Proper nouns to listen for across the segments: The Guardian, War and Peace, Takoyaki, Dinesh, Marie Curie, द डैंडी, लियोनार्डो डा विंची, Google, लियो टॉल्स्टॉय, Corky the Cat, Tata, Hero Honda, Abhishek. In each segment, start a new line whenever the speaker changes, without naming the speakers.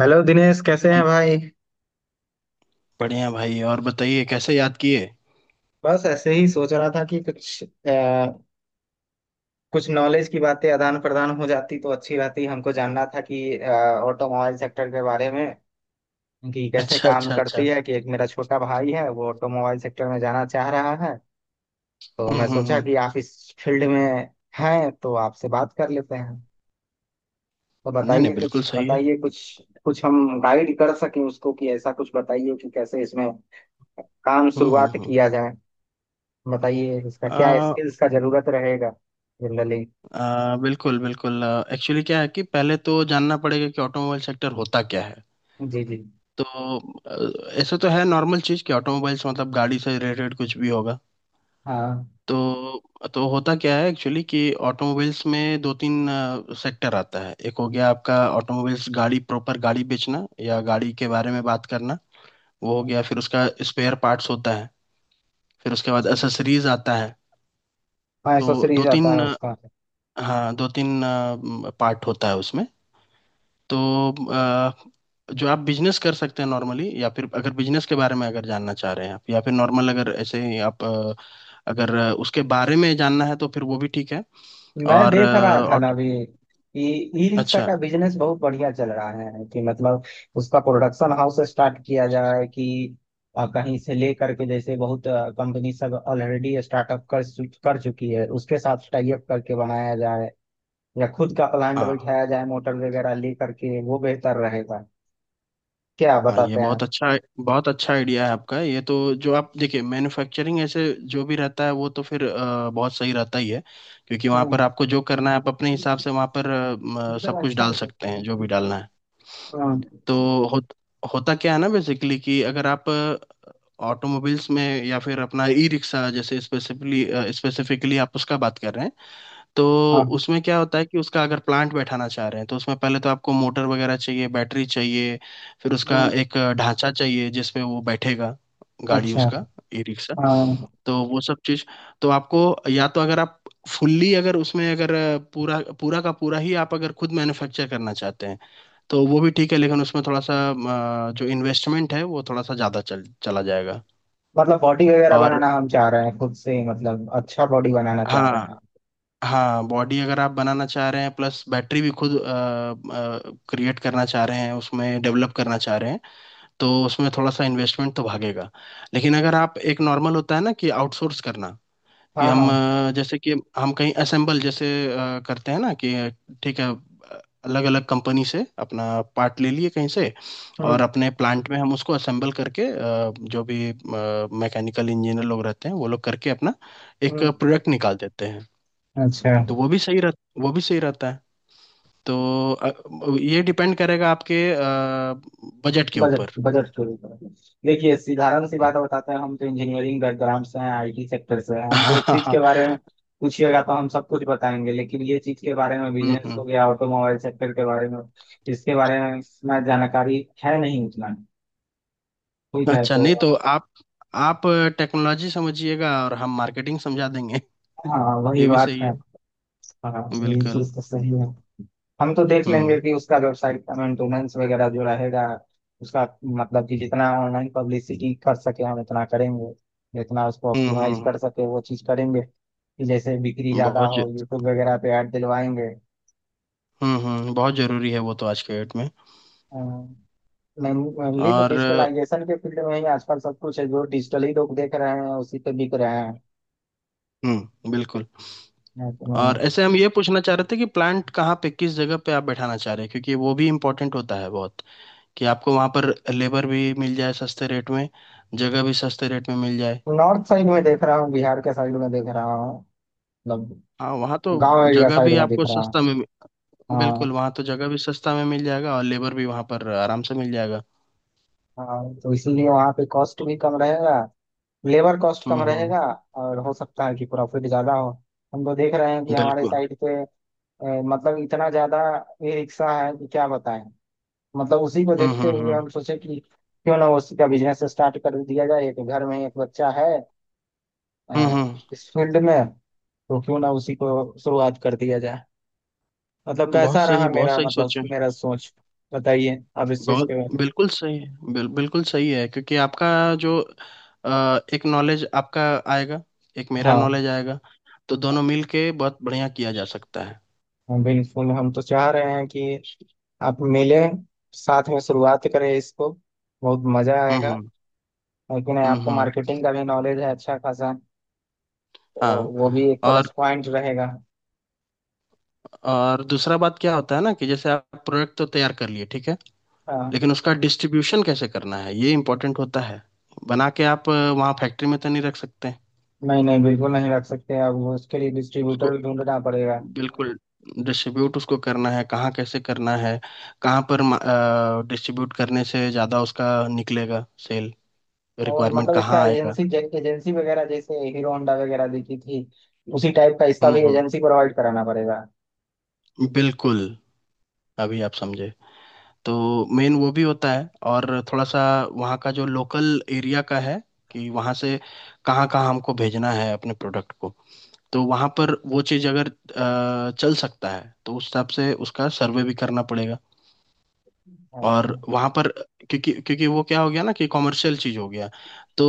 Hello Dinesh कैसे हैं भाई।
बढ़िया भाई। और बताइए कैसे याद किए।
बस ऐसे ही सोच रहा था कि कुछ आ, कुछ नॉलेज की बातें आदान प्रदान हो जाती तो अच्छी रहती। हमको जानना था कि ऑटोमोबाइल सेक्टर के बारे में कि कैसे
अच्छा,
काम
अच्छा, अच्छा।
करती है। कि एक मेरा छोटा भाई है वो ऑटोमोबाइल सेक्टर में जाना चाह रहा है, तो
हम्म,
मैं
हम्म,
सोचा
हम्म।
कि आप इस फील्ड में हैं तो आपसे बात कर लेते हैं। तो
नहीं
बताइए
नहीं,
कुछ,
बिल्कुल सही है।
बताइए कुछ, कुछ हम गाइड कर सकें उसको। कि ऐसा कुछ बताइए कि कैसे इसमें काम
हम्म, हम्म,
शुरुआत
हम्म।
किया जाए। बताइए इसका क्या
आ,
स्किल्स का जरूरत रहेगा जनरली।
आ, बिल्कुल बिल्कुल, एक्चुअली क्या है कि पहले तो जानना पड़ेगा कि ऑटोमोबाइल सेक्टर होता क्या है।
जी जी।
तो ऐसा तो है नॉर्मल चीज़ कि ऑटोमोबाइल्स मतलब गाड़ी से रिलेटेड कुछ भी होगा।
हाँ।
तो तो होता क्या है एक्चुअली कि ऑटोमोबाइल्स में दो तीन सेक्टर आता है। एक हो गया आपका ऑटोमोबाइल्स, गाड़ी प्रॉपर, गाड़ी बेचना या गाड़ी के बारे में बात करना, वो हो गया। फिर उसका स्पेयर पार्ट्स होता है। फिर उसके बाद
अच्छा।
एसेसरीज आता है।
हाँ
तो दो
एसेसरीज आता है
तीन,
उसका।
हाँ दो तीन पार्ट होता है उसमें। तो जो आप बिजनेस कर सकते हैं नॉर्मली, या फिर अगर बिजनेस के बारे में अगर जानना चाह रहे हैं आप, या फिर नॉर्मल अगर ऐसे ही आप अगर उसके बारे में जानना है तो फिर वो भी ठीक है।
मैं
और
देख रहा
अ,
था ना
और-
अभी ई ई रिक्शा
अच्छा।
का बिजनेस बहुत बढ़िया चल रहा है कि मतलब उसका प्रोडक्शन हाउस स्टार्ट किया जाए कि कहीं से ले करके, जैसे बहुत कंपनी सब ऑलरेडी स्टार्टअप कर कर चुकी है, उसके साथ टाई अप करके बनाया जाए या खुद का प्लांट
हाँ
बैठाया जाए मोटर वगैरह ले करके वो बेहतर रहेगा। क्या
हाँ, ये
बताते हैं
बहुत
आप?
अच्छा, बहुत अच्छा आइडिया है आपका। ये तो, जो आप देखिए मैन्युफैक्चरिंग ऐसे जो भी रहता है, वो तो फिर बहुत सही रहता ही है। क्योंकि वहाँ पर
हम्म।
आपको जो करना है, आप अपने
हाँ
हिसाब से वहाँ पर सब कुछ डाल सकते हैं, जो भी डालना है। तो हो, होता क्या है ना बेसिकली, कि अगर आप ऑटोमोबाइल्स में या फिर अपना ई रिक्शा जैसे स्पेसिफिकली, स्पेसिफिकली आप उसका बात कर रहे हैं। तो
हाँ
उसमें क्या होता है कि उसका अगर प्लांट बैठाना चाह रहे हैं, तो उसमें पहले तो आपको मोटर वगैरह चाहिए, बैटरी चाहिए, फिर उसका
हाँ,
एक ढांचा चाहिए जिसमें वो बैठेगा, गाड़ी,
अच्छा।
उसका ई रिक्शा।
हाँ
तो वो सब चीज, तो आपको, या तो अगर आप फुल्ली, अगर उसमें अगर पूरा पूरा का पूरा ही आप अगर खुद मैन्युफैक्चर करना चाहते हैं, तो वो भी ठीक है। लेकिन उसमें थोड़ा सा जो इन्वेस्टमेंट है वो थोड़ा सा ज़्यादा चल चला जाएगा।
मतलब बॉडी वगैरह
और
बनाना हम चाह रहे हैं खुद से ही, मतलब अच्छा बॉडी बनाना चाह रहे
हाँ
हैं।
हाँ, बॉडी अगर आप बनाना चाह रहे हैं प्लस बैटरी भी खुद क्रिएट करना चाह रहे हैं, उसमें डेवलप करना चाह रहे हैं, तो उसमें थोड़ा सा इन्वेस्टमेंट तो भागेगा। लेकिन अगर आप एक नॉर्मल होता है ना, कि आउटसोर्स करना, कि
हाँ
हम
हाँ।
जैसे कि हम कहीं असेंबल जैसे करते हैं ना कि ठीक है, अलग अलग कंपनी से अपना पार्ट ले लिए कहीं से, और
हम्म
अपने प्लांट में हम उसको असेंबल करके जो भी मैकेनिकल इंजीनियर लोग रहते हैं, वो लोग करके अपना एक
हम्म।
प्रोडक्ट निकाल देते हैं।
अच्छा।
तो वो भी सही रहता है। तो ये डिपेंड करेगा आपके बजट के
बजट
ऊपर।
बजट के ऊपर। देखिए साधारण सी बात बताते हैं, हम तो इंजीनियरिंग बैकग्राउंड से हैं, आईटी सेक्टर से हैं,
हाँ
हमको उस
हाँ
चीज के
हाँ,
बारे में पूछिएगा तो हम सब कुछ बताएंगे, लेकिन ये चीज के बारे में,
हम्म
बिजनेस हो
हम्म।
गया ऑटोमोबाइल सेक्टर के बारे में, इसके बारे में इतना जानकारी है नहीं उतना। ठीक है
अच्छा,
तो।
नहीं तो आप टेक्नोलॉजी समझिएगा और हम मार्केटिंग समझा देंगे।
हाँ वही
ये भी
बात
सही
है।
है।
हाँ यही
बिल्कुल।
चीज तो सही है। हम तो देख लेंगे
हम्म
कि उसका वेबसाइट का मेंटेनेंस वगैरह जो रहेगा उसका, मतलब कि जितना ऑनलाइन पब्लिसिटी कर सके हम उतना करेंगे। जितना उसको ऑप्टिमाइज
हम्म,
कर सके वो चीज़ करेंगे कि जैसे बिक्री
हम्म,
ज़्यादा
बहुत ज-
हो, यूट्यूब वगैरह पे ऐड दिलवाएंगे।
हम्म, बहुत जरूरी है वो तो आज के डेट में।
मेनली तो
और
डिजिटलाइजेशन के फील्ड में ही आजकल सब कुछ है, जो डिजिटली लोग देख रहे हैं उसी पे बिक रहे हैं।
हम्म, बिल्कुल। और ऐसे हम ये पूछना चाह रहे थे कि प्लांट कहाँ पे, किस जगह पे आप बैठाना चाह रहे हैं, क्योंकि वो भी इम्पोर्टेंट होता है बहुत। कि आपको वहाँ पर लेबर भी मिल जाए सस्ते रेट में, जगह भी सस्ते रेट में मिल जाए।
नॉर्थ साइड में देख रहा हूँ, बिहार के साइड में देख रहा हूँ। मतलब
हाँ वहाँ तो
गांव एरिया
जगह
साइड
भी
में दिख
आपको
रहा है।
सस्ता में, बिल्कुल
हाँ।
वहाँ तो जगह भी सस्ता में मिल जाएगा और लेबर भी वहाँ पर आराम से मिल जाएगा।
हाँ तो इसीलिए वहाँ पे कॉस्ट भी कम रहेगा, लेबर कॉस्ट कम
हम्म,
रहेगा, और हो सकता है कि प्रॉफिट ज्यादा हो। हम तो देख रहे हैं कि हमारे
बिल्कुल।
साइड पे मतलब इतना ज्यादा ई रिक्शा है कि क्या बताएं। मतलब उसी को देखते हुए
हम्म,
हम सोचे कि क्यों ना उसी का बिजनेस स्टार्ट कर दिया जाए, एक घर में एक बच्चा है
हम्म हम्म,
इस फील्ड में, तो क्यों ना उसी को शुरुआत कर दिया जाए। मतलब
बहुत
कैसा रहा
सही, बहुत
मेरा,
सही
मतलब
सोचे।
मेरा सोच। बताइए आप इस चीज
बहुत
के बारे में।
बिल्कुल सही है बिल, बिल्कुल सही है, क्योंकि आपका जो एक नॉलेज आपका आएगा, एक मेरा
हाँ
नॉलेज आएगा, तो दोनों मिल के बहुत बढ़िया किया जा सकता है।
हाँ, बिल्कुल हम तो चाह रहे हैं कि आप मिलें, साथ में शुरुआत करें इसको, बहुत मजा
हम्म
आएगा।
हम्म
लेकिन
हम्म,
आपको मार्केटिंग का भी नॉलेज है अच्छा खासा, तो
हाँ।
वो भी एक प्लस
और
पॉइंट रहेगा।
और दूसरा बात क्या होता है ना, कि जैसे आप प्रोडक्ट तो तैयार कर लिए, ठीक है,
हाँ।
लेकिन उसका डिस्ट्रीब्यूशन कैसे करना है ये इम्पोर्टेंट होता है। बना के आप वहाँ फैक्ट्री में तो नहीं रख सकते हैं
नहीं नहीं बिल्कुल नहीं रख सकते, अब वो उसके लिए
उसको।
डिस्ट्रीब्यूटर भी ढूंढना पड़ेगा।
बिल्कुल, डिस्ट्रीब्यूट उसको करना है कहाँ, कैसे करना है, कहाँ पर डिस्ट्रीब्यूट करने से ज़्यादा उसका निकलेगा सेल,
और
रिक्वायरमेंट
मतलब इसका
कहाँ आएगा।
एजेंसी, एजेंसी वगैरह जैसे हीरो होंडा वगैरह देखी थी, उसी टाइप का इसका भी
हम्म,
एजेंसी प्रोवाइड कराना पड़ेगा।
बिल्कुल। अभी आप समझे। तो मेन वो भी होता है, और थोड़ा सा वहाँ का जो लोकल एरिया का है, कि वहाँ से कहाँ कहाँ हमको भेजना है अपने प्रोडक्ट को। तो वहाँ पर वो चीज़ अगर चल सकता है, तो उस हिसाब से उसका सर्वे भी करना पड़ेगा। और
हाँ
वहाँ पर क्योंकि क्योंकि वो क्या हो गया ना कि कॉमर्शियल चीज़ हो गया। तो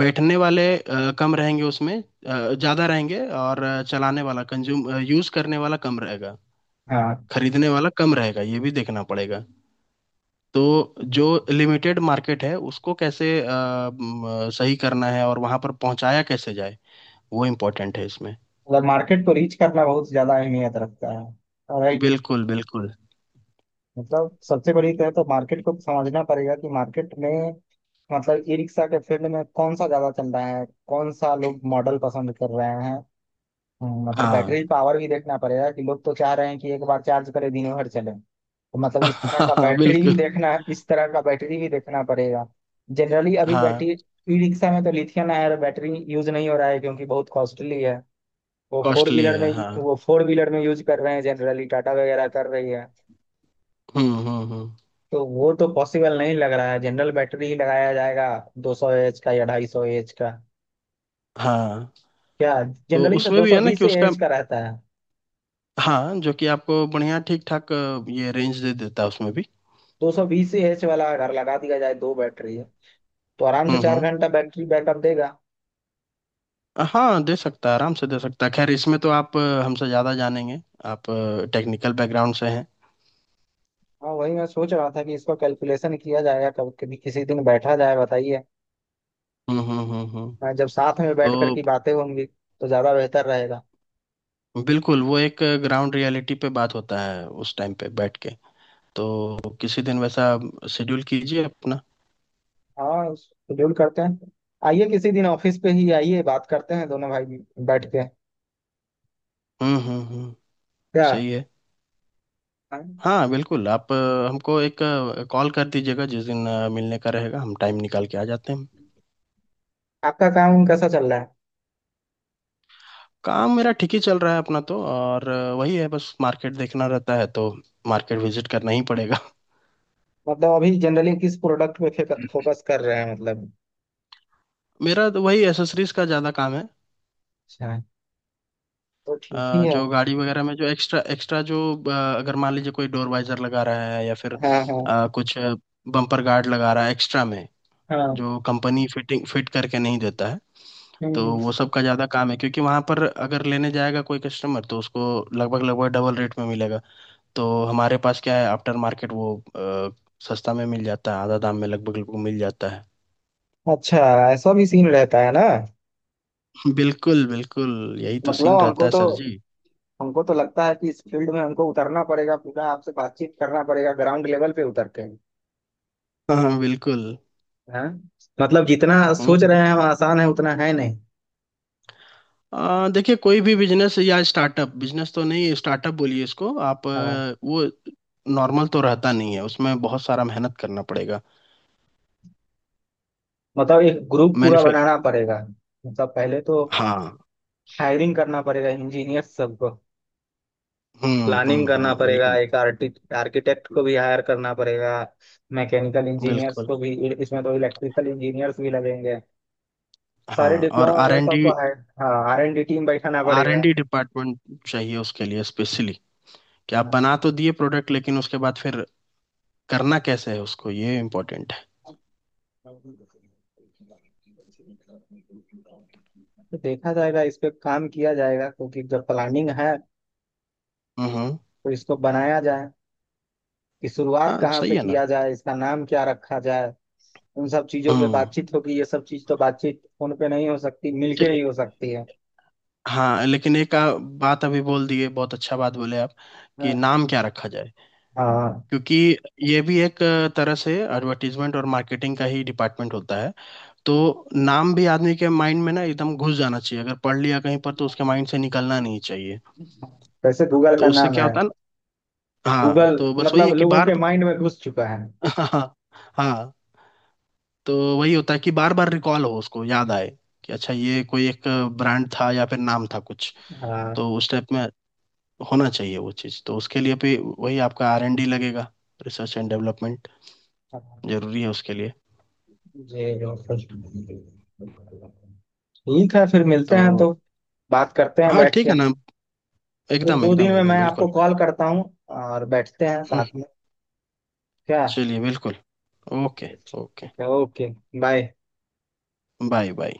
बैठने वाले कम रहेंगे उसमें, ज़्यादा रहेंगे, और चलाने वाला, कंज्यूम, यूज़ करने वाला कम रहेगा,
हाँ,
खरीदने वाला कम रहेगा, ये भी देखना पड़ेगा। तो जो लिमिटेड मार्केट है उसको कैसे सही करना है, और वहां पर पहुंचाया कैसे जाए, वो इम्पोर्टेंट है इसमें।
मतलब मार्केट को रीच करना बहुत ज्यादा अहमियत रखता है। और
बिल्कुल बिल्कुल।
मतलब सबसे बड़ी कहे तो मार्केट को समझना पड़ेगा कि मार्केट में, मतलब ई रिक्शा के फील्ड में कौन सा ज्यादा चल रहा है, कौन सा लोग मॉडल पसंद कर रहे हैं। मतलब बैटरी
हाँ।
पावर भी देखना पड़ेगा कि लोग तो चाह रहे हैं कि एक बार चार्ज करें दिनों भर चले, तो मतलब
हाँ बिल्कुल।
इस तरह का बैटरी भी देखना पड़ेगा। जनरली अभी
हाँ,
बैटरी ई रिक्शा में तो लिथियम आयन बैटरी यूज नहीं हो रहा है क्योंकि बहुत कॉस्टली है। वो फोर
कॉस्टली
व्हीलर
है
में
हाँ।
वो फोर व्हीलर में यूज कर रहे हैं जनरली, टाटा वगैरह कर रही है।
हम्म।
तो वो तो पॉसिबल नहीं लग रहा है, जनरल बैटरी ही लगाया जाएगा, 200 एएच का या 250 एएच का
हाँ,
क्या।
तो
जनरली तो
उसमें भी है ना
220
कि उसका,
एएच का रहता है।
हाँ जो कि आपको बढ़िया, ठीक ठाक ये रेंज दे देता है उसमें भी।
220 एएच वाला अगर लगा दिया जाए, 2 बैटरी है, तो आराम से चार
हम्म।
घंटा बैटरी बैकअप देगा।
हाँ दे सकता है, आराम से दे सकता है। खैर इसमें तो आप हमसे ज़्यादा जानेंगे, आप टेक्निकल बैकग्राउंड से हैं।
हाँ वही मैं सोच रहा था कि इसका कैलकुलेशन किया जाएगा, कब कभी किसी दिन बैठा जाए बताइए।
हम्म हम्म हम्म हम्म।
हाँ, जब साथ में
तो
बैठ कर की बातें होंगी तो ज्यादा बेहतर रहेगा।
बिल्कुल, वो एक ग्राउंड रियलिटी पे बात होता है उस टाइम पे बैठ के। तो किसी दिन वैसा शेड्यूल कीजिए अपना।
हाँ शेड्यूल करते हैं, आइए किसी दिन ऑफिस पे ही आइए, बात करते हैं दोनों भाई बैठ के,
हम्म,
क्या।
सही है।
हाँ,
हाँ बिल्कुल, आप हमको एक कॉल कर दीजिएगा जिस दिन मिलने का रहेगा, हम टाइम निकाल के आ जाते हैं।
आपका काम कैसा चल रहा है?
काम मेरा ठीक ही चल रहा है अपना तो, और वही है बस, मार्केट देखना रहता है तो। मार्केट विजिट करना ही पड़ेगा।
मतलब अभी जनरली किस प्रोडक्ट पे फोकस कर रहे हैं मतलब।
मेरा तो वही एसेसरीज का ज़्यादा काम है।
अच्छा, तो ठीक ही है।
जो गाड़ी वगैरह में जो एक्स्ट्रा, एक्स्ट्रा जो अ, अगर मान लीजिए कोई डोर वाइजर लगा रहा है, या फिर
हाँ हाँ
कुछ बम्पर गार्ड लगा रहा है एक्स्ट्रा में,
हाँ।
जो कंपनी फिटिंग फिट करके नहीं देता है,
हम्म,
तो
हम्म।
वो सब का ज़्यादा काम है। क्योंकि वहाँ पर अगर लेने जाएगा कोई कस्टमर, तो उसको लगभग लगभग डबल रेट में मिलेगा। तो हमारे पास क्या है, आफ्टर मार्केट वो सस्ता में मिल जाता है, आधा दाम में लगभग लगभग मिल जाता है।
अच्छा ऐसा भी सीन रहता है ना।
बिल्कुल बिल्कुल। यही तो
मतलब
सीन रहता
हमको
है
तो
सर जी।
हमको तो लगता है कि इस फील्ड में हमको उतरना पड़ेगा पूरा, आपसे बातचीत करना पड़ेगा ग्राउंड लेवल पे उतर के।
हाँ हाँ, बिल्कुल।
हाँ मतलब जितना
हम्म
सोच रहे
हम्म।
हैं हम आसान है उतना है नहीं।
देखिए कोई भी बिजनेस या स्टार्टअप, बिजनेस तो नहीं स्टार्टअप बोलिए इसको आप,
हाँ
वो नॉर्मल तो रहता नहीं है, उसमें बहुत सारा मेहनत करना पड़ेगा।
मतलब एक ग्रुप पूरा बनाना
मैन्युफैक्ट
पड़ेगा। मतलब पहले तो
हाँ।
हायरिंग करना पड़ेगा इंजीनियर सबको, प्लानिंग
हम्म,
करना पड़ेगा,
बिल्कुल
एक आर्किटेक्ट को भी हायर करना पड़ेगा, मैकेनिकल इंजीनियर्स
बिल्कुल।
को भी, इसमें तो इलेक्ट्रिकल इंजीनियर्स भी लगेंगे,
हाँ
सारे
और
डिप्लोमा
आर
वाले
एन डी।
सबको हायर। हाँ आर एन डी टीम बैठाना
आर एन
पड़ेगा।
डी डिपार्टमेंट चाहिए उसके लिए स्पेशली, कि आप बना तो दिए प्रोडक्ट लेकिन उसके बाद फिर करना कैसे है उसको, ये इम्पोर्टेंट है।
तो देखा जाएगा, इस पे काम किया जाएगा, क्योंकि जब प्लानिंग है
हम्म।
तो इसको बनाया जाए कि शुरुआत
हाँ
कहाँ से
सही है ना।
किया जाए, इसका नाम क्या रखा जाए, उन सब चीजों पे
हम्म,
बातचीत होगी। ये सब चीज तो बातचीत फोन पे नहीं हो सकती, मिलके ही
चलिए।
हो सकती है।
हाँ, लेकिन एक बात अभी बोल दिए, बहुत अच्छा बात बोले आप, कि
हाँ।
नाम क्या रखा जाए।
हाँ
क्योंकि ये भी एक तरह से एडवर्टीजमेंट और मार्केटिंग का ही डिपार्टमेंट होता है। तो नाम भी आदमी के माइंड में ना एकदम घुस जाना चाहिए, अगर पढ़ लिया कहीं पर तो उसके माइंड से निकलना नहीं चाहिए।
वैसे गूगल
तो
का
उससे
नाम
क्या
है,
होता है ना, हाँ
गूगल,
तो बस वही
मतलब
है कि
लोगों
बार
के माइंड में घुस चुका है।
हाँ, हाँ तो वही होता है कि बार बार रिकॉल हो, उसको याद आए कि अच्छा ये कोई एक ब्रांड था या फिर नाम था कुछ,
हाँ
तो उस टाइप में होना चाहिए वो चीज़। तो उसके लिए भी वही आपका आर एन डी लगेगा, रिसर्च एंड डेवलपमेंट
हाँ,
जरूरी है उसके लिए।
जी बिल्कुल। ठीक है फिर मिलते हैं
तो
तो, बात करते हैं
हाँ
बैठ
ठीक
के,
है ना,
एक
एकदम
दो दिन
एकदम
में
एकदम
मैं
बिल्कुल।
आपको कॉल करता हूँ और बैठते हैं
हम्म
साथ
हम्म,
में, क्या।
चलिए बिल्कुल। ओके। ओके।
ठीक है ओके। बाय।
बाय। बाय